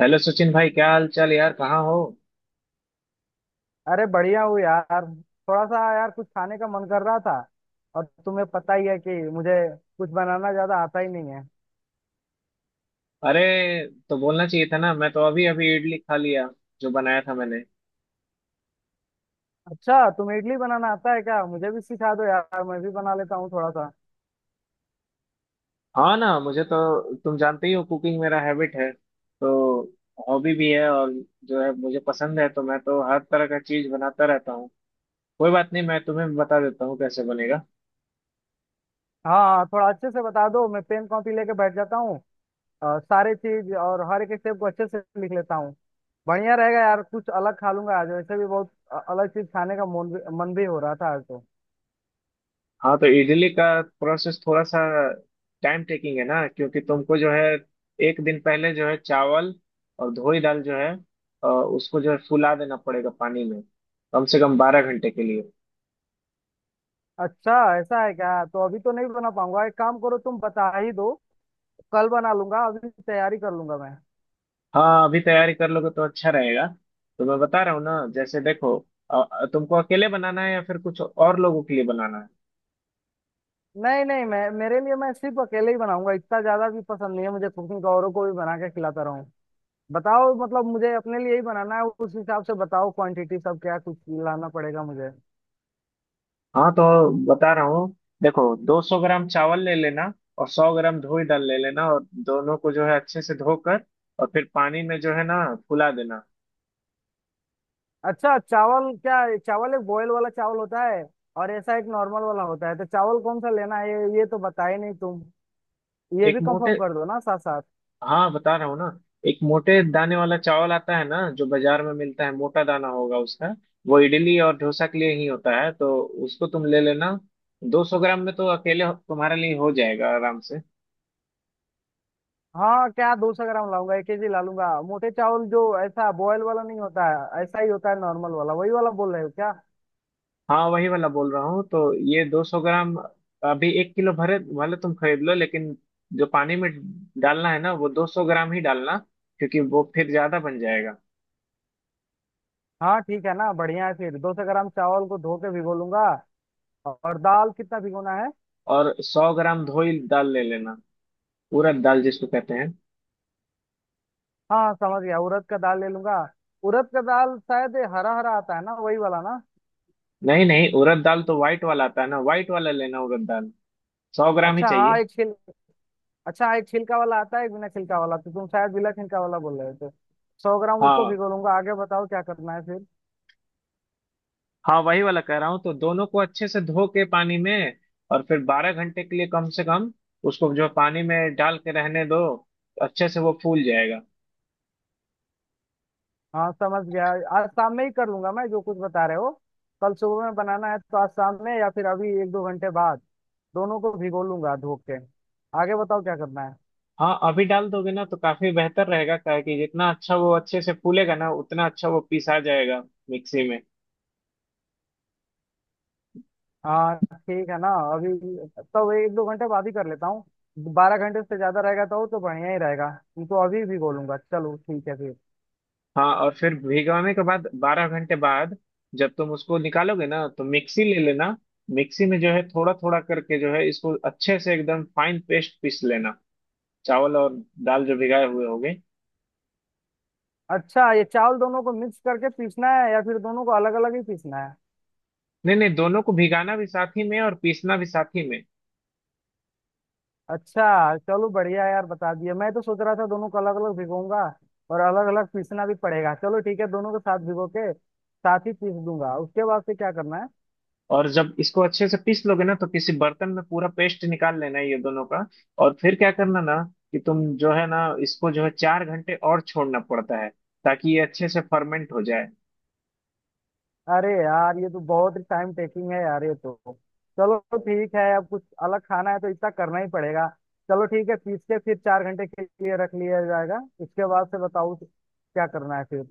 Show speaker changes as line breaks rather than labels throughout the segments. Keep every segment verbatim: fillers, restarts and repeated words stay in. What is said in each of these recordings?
Hello Sachin भाई, क्या हाल चाल यार? कहाँ हो?
अरे बढ़िया हूँ यार। थोड़ा सा यार कुछ खाने का मन कर रहा था और तुम्हें पता ही है कि मुझे कुछ बनाना ज्यादा आता ही नहीं है।
अरे, तो बोलना चाहिए था ना। मैं तो अभी अभी इडली खा लिया जो बनाया था मैंने।
अच्छा तुम्हें इडली बनाना आता है क्या? मुझे भी सिखा दो यार, मैं भी बना लेता हूँ थोड़ा सा।
हाँ ना, मुझे तो तुम जानते ही हो, कुकिंग मेरा हैबिट है तो। हॉबी भी है, और जो है मुझे पसंद है, तो मैं तो हर तरह का चीज बनाता रहता हूँ। कोई बात नहीं, मैं तुम्हें बता देता हूँ कैसे बनेगा।
हाँ हाँ, थोड़ा अच्छे से बता दो, मैं पेन कॉपी लेके बैठ जाता हूँ और सारे चीज और हर एक स्टेप को अच्छे से लिख लेता हूँ। बढ़िया रहेगा यार, कुछ अलग खा लूंगा आज, वैसे भी बहुत अ- अलग चीज खाने का मन भी मन भी हो रहा था आज तो।
हाँ, तो इडली का प्रोसेस थोड़ा सा टाइम टेकिंग है ना, क्योंकि तुमको जो है एक दिन पहले जो है चावल और धोई दाल जो है अ, उसको जो है फुला देना पड़ेगा पानी में, कम से कम बारह घंटे के लिए।
अच्छा ऐसा है क्या? तो अभी तो नहीं बना पाऊंगा, एक काम करो तुम बता ही दो, कल बना लूंगा, अभी तैयारी कर लूंगा मैं।
हाँ, अभी तैयारी कर लोगे तो अच्छा रहेगा। तो मैं बता रहा हूँ ना, जैसे देखो अ, तुमको अकेले बनाना है या फिर कुछ और लोगों के लिए बनाना है?
नहीं नहीं, मैं मेरे लिए, मैं सिर्फ अकेले ही बनाऊंगा, इतना ज्यादा भी पसंद नहीं है मुझे कुकिंग का, औरों को भी बना के खिलाता रहूं। बताओ, मतलब मुझे अपने लिए ही बनाना है, उस हिसाब से बताओ क्वांटिटी सब, क्या कुछ लाना पड़ेगा मुझे।
हाँ तो बता रहा हूँ, देखो, दो सौ ग्राम चावल ले लेना, और सौ ग्राम धोई दाल ले लेना, और दोनों को जो है अच्छे से धोकर और फिर पानी में जो है ना फुला देना।
अच्छा चावल, क्या ये चावल एक बॉयल वाला चावल होता है और ऐसा एक नॉर्मल वाला होता है, तो चावल कौन सा लेना है ये? ये तो बताए नहीं तुम, ये
एक
भी कंफर्म
मोटे
कर दो ना साथ साथ।
हाँ बता रहा हूँ ना, एक मोटे दाने वाला चावल आता है ना, जो बाजार में मिलता है, मोटा दाना होगा उसका। वो इडली और डोसा के लिए ही होता है, तो उसको तुम ले लेना। दो सौ ग्राम में तो अकेले तुम्हारे लिए हो जाएगा आराम से।
हाँ क्या, दो सौ ग्राम लाऊंगा? एक केजी ला लूंगा मोटे चावल, जो ऐसा बॉयल वाला नहीं होता है, ऐसा ही होता है नॉर्मल वाला, वही वाला बोल रहे हो क्या?
हाँ, वही वाला बोल रहा हूँ तो। ये दो सौ ग्राम। अभी एक किलो भरे भले तुम खरीद लो, लेकिन जो पानी में डालना है ना, वो दो सौ ग्राम ही डालना, क्योंकि वो फिर ज्यादा बन जाएगा।
हाँ ठीक है ना, बढ़िया है, फिर दो सौ ग्राम चावल को धो के भिगो लूंगा। और दाल कितना भिगोना है?
और सौ ग्राम धोई दाल ले लेना, उड़द दाल जिसको कहते हैं।
हाँ समझ गया, उड़द का दाल ले लूंगा। उड़द का दाल शायद ये हरा हरा आता है ना, वही वाला ना?
नहीं नहीं, उड़द दाल तो वाइट वाला आता है ना। वाइट वाला लेना, उड़द दाल। सौ ग्राम ही
अच्छा हाँ
चाहिए।
एक छिल अच्छा हाँ, एक छिलका वाला आता है एक बिना छिलका वाला, तो तुम शायद बिना छिलका वाला बोल रहे हो, तो सौ ग्राम उसको
हाँ
भिगो लूंगा। आगे बताओ क्या करना है फिर।
हाँ, वही वाला कह रहा हूँ, तो दोनों को अच्छे से धो के पानी में, और फिर बारह घंटे के लिए कम से कम उसको जो पानी में डाल के रहने दो। अच्छे से वो फूल जाएगा।
हाँ समझ गया। आज शाम में ही कर लूंगा मैं, जो कुछ बता रहे हो। कल सुबह में बनाना है तो आज शाम में या फिर अभी एक दो घंटे बाद दोनों को भिगो लूंगा धो के। आगे बताओ क्या करना है।
हाँ, अभी डाल दोगे ना तो काफी बेहतर रहेगा। क्या है कि जितना अच्छा वो अच्छे से फूलेगा ना, उतना अच्छा वो पिसा जाएगा मिक्सी में।
हाँ ठीक है ना, अभी तो एक दो घंटे बाद ही कर लेता हूँ। बारह घंटे से ज्यादा रहेगा तो तो बढ़िया ही रहेगा। इनको अभी भिगो लूंगा, चलो ठीक है फिर।
हाँ, और फिर भिगोने के बाद बारह घंटे बाद जब तुम उसको निकालोगे ना, तो मिक्सी ले लेना। मिक्सी में जो है थोड़ा थोड़ा करके जो है इसको अच्छे से एकदम फाइन पेस्ट पीस लेना, चावल और दाल जो भिगाए हुए होगे।
अच्छा ये चावल दोनों को मिक्स करके पीसना है या फिर दोनों को अलग अलग ही पीसना है?
नहीं नहीं, दोनों को भिगाना भी साथ ही में और पीसना भी साथ ही में।
अच्छा चलो बढ़िया है यार, बता दिया। मैं तो सोच रहा था दोनों को अलग अलग भिगोऊंगा और अलग अलग पीसना भी पड़ेगा। चलो ठीक है, दोनों को साथ भिगो के साथ ही पीस दूंगा। उसके बाद से क्या करना है?
और जब इसको अच्छे से पीस लोगे ना, तो किसी बर्तन में पूरा पेस्ट निकाल लेना है, ये दोनों का। और फिर क्या करना ना, कि तुम जो है ना इसको जो है चार घंटे और छोड़ना पड़ता है, ताकि ये अच्छे से फर्मेंट हो जाए।
अरे यार, ये तो बहुत ही टाइम टेकिंग है यार ये तो। चलो ठीक है, अब कुछ अलग खाना है तो इतना करना ही पड़ेगा। चलो ठीक है, पीस के फिर चार घंटे के लिए रख लिया जाएगा। इसके बाद से बताओ क्या करना है फिर।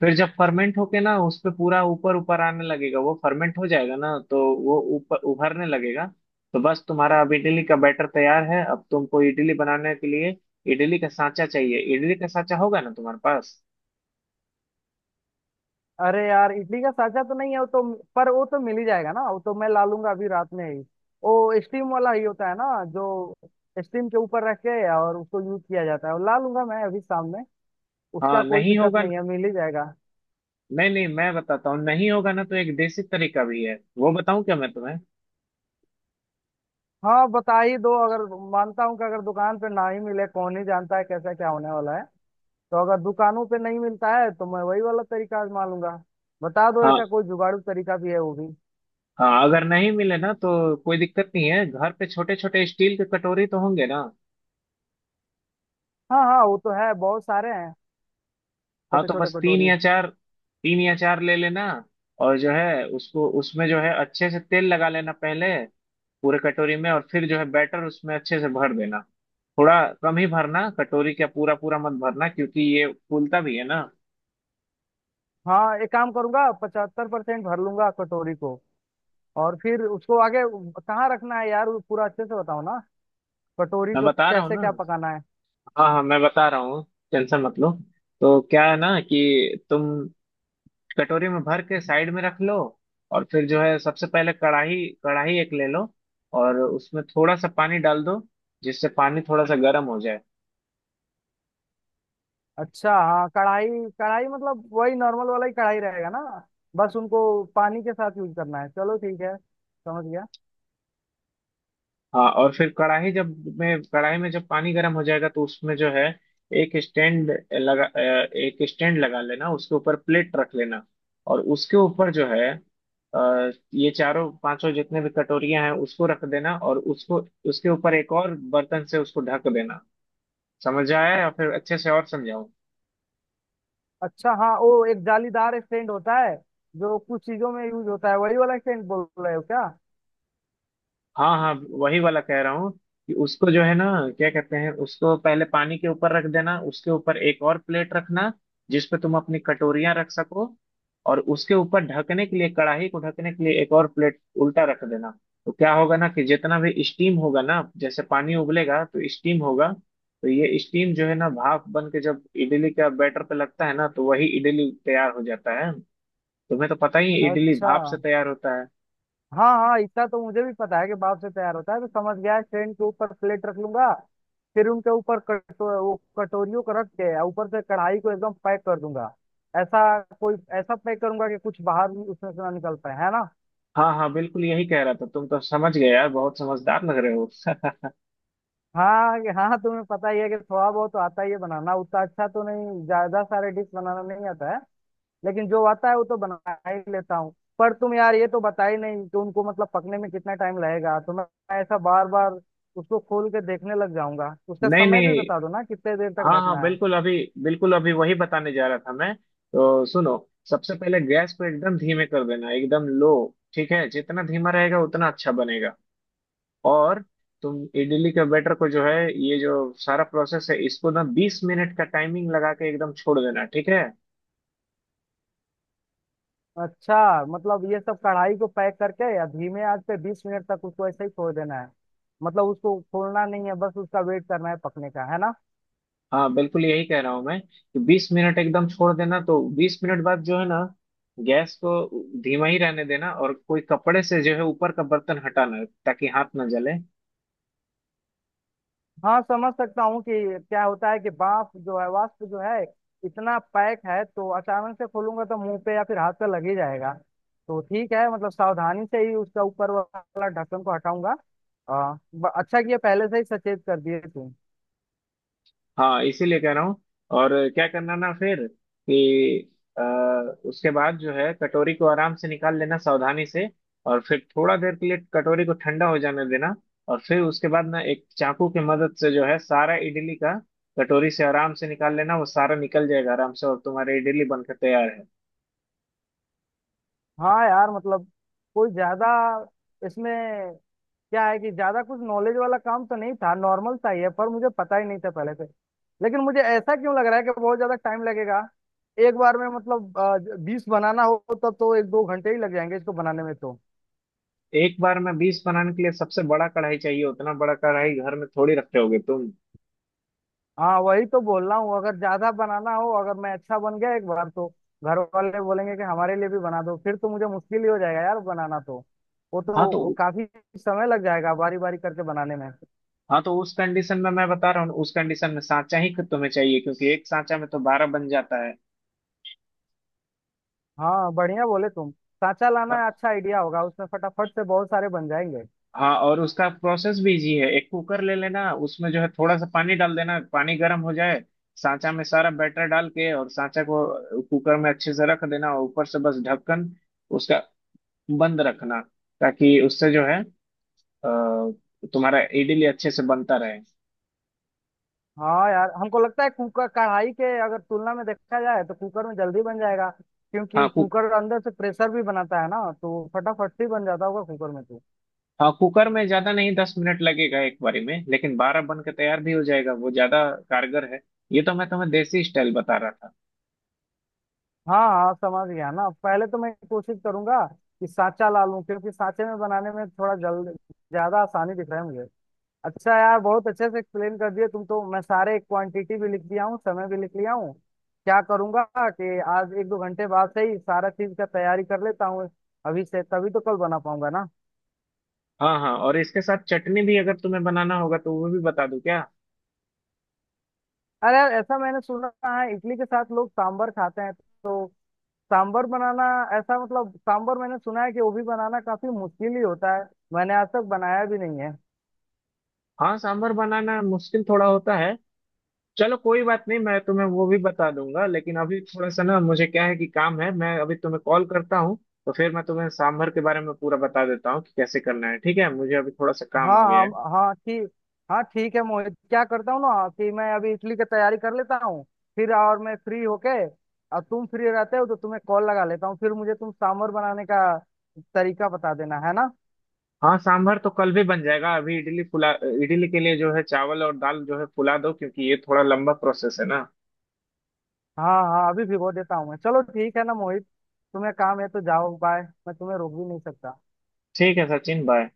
फिर जब फर्मेंट होके ना उस पे पूरा ऊपर ऊपर आने लगेगा, वो फर्मेंट हो जाएगा ना, तो वो ऊपर उभरने लगेगा। तो बस तुम्हारा अब इडली का बैटर तैयार है। अब तुमको इडली बनाने के लिए इडली का सांचा चाहिए। इडली का सांचा होगा ना तुम्हारे पास?
अरे यार, इडली का सांचा तो नहीं है वो तो। पर वो तो मिल ही जाएगा ना, वो तो मैं ला लूंगा अभी रात में ही। वो स्टीम वाला ही होता है ना, जो स्टीम के ऊपर रख के और उसको यूज किया जाता है, वो ला लूंगा मैं अभी शाम में।
हाँ,
उसका कोई
नहीं
दिक्कत
होगा।
नहीं है, मिल ही जाएगा।
नहीं नहीं, मैं बताता हूँ। नहीं होगा ना, तो एक देसी तरीका भी है, वो बताऊं क्या मैं तुम्हें?
हाँ बता ही दो, अगर मानता हूँ कि अगर दुकान पे ना ही मिले, कौन ही जानता है कैसा क्या होने वाला है, तो अगर दुकानों पे नहीं मिलता है तो मैं वही वाला तरीका आजमा लूंगा। बता दो
हाँ
ऐसा कोई जुगाड़ू तरीका भी है वो भी।
हाँ, अगर नहीं मिले ना तो कोई दिक्कत नहीं है, घर पे छोटे छोटे स्टील के कटोरी तो होंगे ना?
हाँ हाँ, वो तो है, बहुत सारे हैं
हाँ,
छोटे
तो
छोटे
बस तीन
कटोरी।
या चार तीन या चार ले लेना। और जो है उसको उसमें जो है अच्छे से तेल लगा लेना पहले, पूरे कटोरी में। और फिर जो है बैटर उसमें अच्छे से भर देना, थोड़ा कम ही भरना, कटोरी का पूरा पूरा मत भरना, क्योंकि ये फूलता भी है ना।
हाँ, एक काम करूंगा, पचहत्तर परसेंट भर लूंगा कटोरी को। और फिर उसको आगे कहाँ रखना है यार? वो पूरा अच्छे से बताओ ना, कटोरी
मैं
को
बता रहा हूँ
कैसे
ना।
क्या पकाना है।
हाँ हाँ, मैं बता रहा हूँ, टेंशन मत लो। तो क्या है ना, कि तुम कटोरी में भर के साइड में रख लो। और फिर जो है सबसे पहले कढ़ाई कढ़ाई एक ले लो, और उसमें थोड़ा सा पानी डाल दो, जिससे पानी थोड़ा सा गर्म हो जाए।
अच्छा हाँ, कढ़ाई। कढ़ाई मतलब वही नॉर्मल वाला ही कढ़ाई रहेगा ना? बस उनको पानी के साथ यूज करना है, चलो ठीक है समझ गया।
हाँ, और फिर कढ़ाई जब में कढ़ाई में जब पानी गर्म हो जाएगा, तो उसमें जो है एक स्टैंड लगा अ, एक स्टैंड लगा लेना, उसके ऊपर प्लेट रख लेना। और उसके ऊपर जो है अ, ये चारों पांचों जितने भी कटोरियां हैं उसको रख देना, और उसको उसके ऊपर एक और बर्तन से उसको ढक देना। समझ आया, या फिर अच्छे से और समझाऊं?
अच्छा हाँ, वो एक जालीदार स्टैंड होता है जो कुछ चीजों में यूज होता है, वही वाला स्टैंड बोल रहे हो क्या?
हाँ हाँ, वही वाला कह रहा हूँ, कि उसको जो है ना, क्या कहते हैं, उसको पहले पानी के ऊपर रख देना, उसके ऊपर एक और प्लेट रखना जिस पे तुम अपनी कटोरियां रख सको। और उसके ऊपर ढकने के लिए कढ़ाई को ढकने के लिए एक और प्लेट उल्टा रख देना। तो क्या होगा ना, कि जितना भी स्टीम होगा ना, जैसे पानी उबलेगा तो स्टीम होगा, तो ये स्टीम जो है ना भाप बन के जब इडली का बैटर पे लगता है ना, तो वही इडली तैयार हो जाता है। तुम्हें तो पता ही है, इडली
अच्छा
भाप से तैयार होता है।
हाँ हाँ, इतना तो मुझे भी पता है कि बाप से प्यार होता है तो। समझ गया है, ट्रेन के ऊपर प्लेट रख लूंगा, फिर उनके ऊपर कटो वो कटोरियों को रख के और ऊपर से कढ़ाई को एकदम पैक कर दूंगा। ऐसा कोई, ऐसा पैक करूंगा कि कुछ बाहर भी उसमें से ना निकल पाए, है ना?
हाँ हाँ, बिल्कुल यही कह रहा था। तुम तो समझ गए यार, बहुत समझदार लग रहे हो।
हाँ कि- हाँ तुम्हें पता ही है कि थोड़ा बहुत तो आता ही है बनाना, उतना अच्छा तो नहीं, ज्यादा सारे डिश बनाना नहीं आता है, लेकिन जो आता है वो तो बना ही लेता हूँ। पर तुम यार, ये तो बता ही नहीं कि उनको मतलब पकने में कितना टाइम लगेगा, तो मैं ऐसा बार बार उसको खोल के देखने लग जाऊंगा। उसका
नहीं
समय भी
नहीं,
बता दो ना, कितने देर तक
हाँ हाँ।
ढकना है।
बिल्कुल अभी बिल्कुल अभी वही बताने जा रहा था मैं तो, सुनो। सबसे पहले गैस को एकदम धीमे कर देना, एकदम लो। ठीक है, जितना धीमा रहेगा उतना अच्छा बनेगा। और तुम इडली के बैटर को जो है, ये जो सारा प्रोसेस है, इसको ना बीस मिनट का टाइमिंग लगा के एकदम छोड़ देना, ठीक है।
अच्छा मतलब, ये सब कढ़ाई को पैक करके या धीमे आंच पे बीस मिनट तक उसको ऐसे ही छोड़ देना है? मतलब उसको खोलना नहीं है, बस उसका वेट करना है पकने का, है ना?
हाँ, बिल्कुल यही कह रहा हूँ मैं कि बीस मिनट एकदम छोड़ देना। तो बीस मिनट बाद जो है ना, गैस को धीमा ही रहने देना, और कोई कपड़े से जो है ऊपर का बर्तन हटाना, ताकि हाथ ना जले।
हाँ समझ सकता हूँ कि क्या होता है कि बाफ जो है, वाष्प जो है, इतना पैक है तो अचानक से खोलूंगा तो मुंह पे या फिर हाथ पे लग ही जाएगा। तो ठीक है, मतलब सावधानी से ही उसका ऊपर वाला ढक्कन को हटाऊंगा। आ, ब- अच्छा किया पहले से ही सचेत कर दिए तुम।
हाँ, इसीलिए कह रहा हूँ। और क्या करना ना फिर, कि अ, उसके बाद जो है कटोरी को आराम से निकाल लेना सावधानी से, और फिर थोड़ा देर के लिए कटोरी को ठंडा हो जाने देना। और फिर उसके बाद ना एक चाकू की मदद से जो है सारा इडली का कटोरी से आराम से निकाल लेना, वो सारा निकल जाएगा आराम से, और तुम्हारी इडली बनकर तैयार है।
हाँ यार मतलब, कोई ज्यादा इसमें, क्या है कि ज्यादा कुछ नॉलेज वाला काम तो नहीं था, नॉर्मल सा ही है, पर मुझे पता ही नहीं था पहले से। लेकिन मुझे ऐसा क्यों लग रहा है कि बहुत ज्यादा टाइम लगेगा एक बार में? मतलब बीस बनाना हो तब तो एक दो घंटे ही लग जाएंगे इसको बनाने में तो।
एक बार में बीस बनाने के लिए सबसे बड़ा कढ़ाई चाहिए, उतना बड़ा कढ़ाई घर में थोड़ी रखे होगे तुम।
हाँ वही तो बोल रहा हूँ, अगर ज्यादा बनाना हो, अगर मैं अच्छा बन गया एक बार, तो घर वाले बोलेंगे कि हमारे लिए भी बना दो, फिर तो मुझे मुश्किल ही हो जाएगा यार बनाना तो। वो
हाँ तो
तो काफी समय लग जाएगा बारी बारी करके बनाने में।
हाँ तो उस कंडीशन में मैं बता रहा हूँ, उस कंडीशन में सांचा ही तुम्हें चाहिए, क्योंकि एक सांचा में तो बारह बन जाता है।
हाँ बढ़िया बोले तुम, सांचा लाना अच्छा आइडिया होगा, उसमें फटाफट से बहुत सारे बन जाएंगे।
हाँ, और उसका प्रोसेस भी इजी है। एक कुकर ले लेना, उसमें जो है थोड़ा सा पानी डाल देना, पानी गर्म हो जाए। सांचा में सारा बैटर डाल के और सांचा को कुकर में अच्छे से रख देना, और ऊपर से बस ढक्कन उसका बंद रखना, ताकि उससे जो है अ, तुम्हारा इडली अच्छे से बनता रहे।
हाँ यार, हमको लगता है कुकर, कढ़ाई के अगर तुलना में देखा जाए तो कुकर में जल्दी बन जाएगा
हाँ
क्योंकि कुकर अंदर से प्रेशर भी बनाता है ना, तो फटाफट से ही बन जाता होगा कुकर में तो।
हाँ, कुकर में ज्यादा नहीं, दस मिनट लगेगा एक बारी में, लेकिन बारह बन के तैयार भी हो जाएगा। वो ज्यादा कारगर है। ये तो मैं तुम्हें देसी स्टाइल बता रहा था।
हाँ हाँ समझ गया ना, पहले तो मैं कोशिश करूंगा कि सांचा ला लूं, क्योंकि सांचे में बनाने में थोड़ा जल्द, ज्यादा आसानी दिख रहा है मुझे। अच्छा यार, बहुत अच्छे से एक्सप्लेन कर दिए तुम तो, मैं सारे क्वांटिटी भी लिख दिया हूँ, समय भी लिख लिया हूँ। क्या करूंगा कि आज एक दो घंटे बाद से ही सारा चीज का तैयारी कर लेता हूँ अभी से, तभी तो कल बना पाऊंगा ना।
हाँ हाँ, और इसके साथ चटनी भी अगर तुम्हें बनाना होगा तो वो भी बता दूं क्या?
अरे यार, ऐसा मैंने सुना है, इडली के साथ लोग सांबर खाते हैं तो। सांबर बनाना, ऐसा मतलब, सांबर मैंने सुना है कि वो भी बनाना काफी मुश्किल ही होता है, मैंने आज तक बनाया भी नहीं है।
हाँ, सांभर बनाना मुश्किल थोड़ा होता है। चलो कोई बात नहीं, मैं तुम्हें वो भी बता दूंगा, लेकिन अभी थोड़ा सा ना, मुझे क्या है कि काम है, मैं अभी तुम्हें कॉल करता हूँ। तो फिर मैं तुम्हें सांभर के बारे में पूरा बता देता हूँ, कि कैसे करना है। ठीक है, मुझे अभी थोड़ा सा काम
हाँ
आ गया है।
हाँ हाँ ठीक। हाँ ठीक है मोहित, क्या करता हूँ ना कि मैं अभी इडली की तैयारी कर लेता हूँ, फिर और मैं फ्री होके, और तुम फ्री रहते हो तो तुम्हें कॉल लगा लेता हूँ फिर, मुझे तुम सांभर बनाने का तरीका बता देना, है ना?
हाँ, सांभर तो कल भी बन जाएगा। अभी इडली फुला इडली के लिए जो है चावल और दाल जो है फुला दो, क्योंकि ये थोड़ा लंबा प्रोसेस है ना।
हाँ हाँ, अभी भिगो देता हूँ मैं, चलो ठीक है ना मोहित, तुम्हें काम है तो जाओ, बाय, मैं तुम्हें रोक भी नहीं सकता।
ठीक है सचिन, बाय।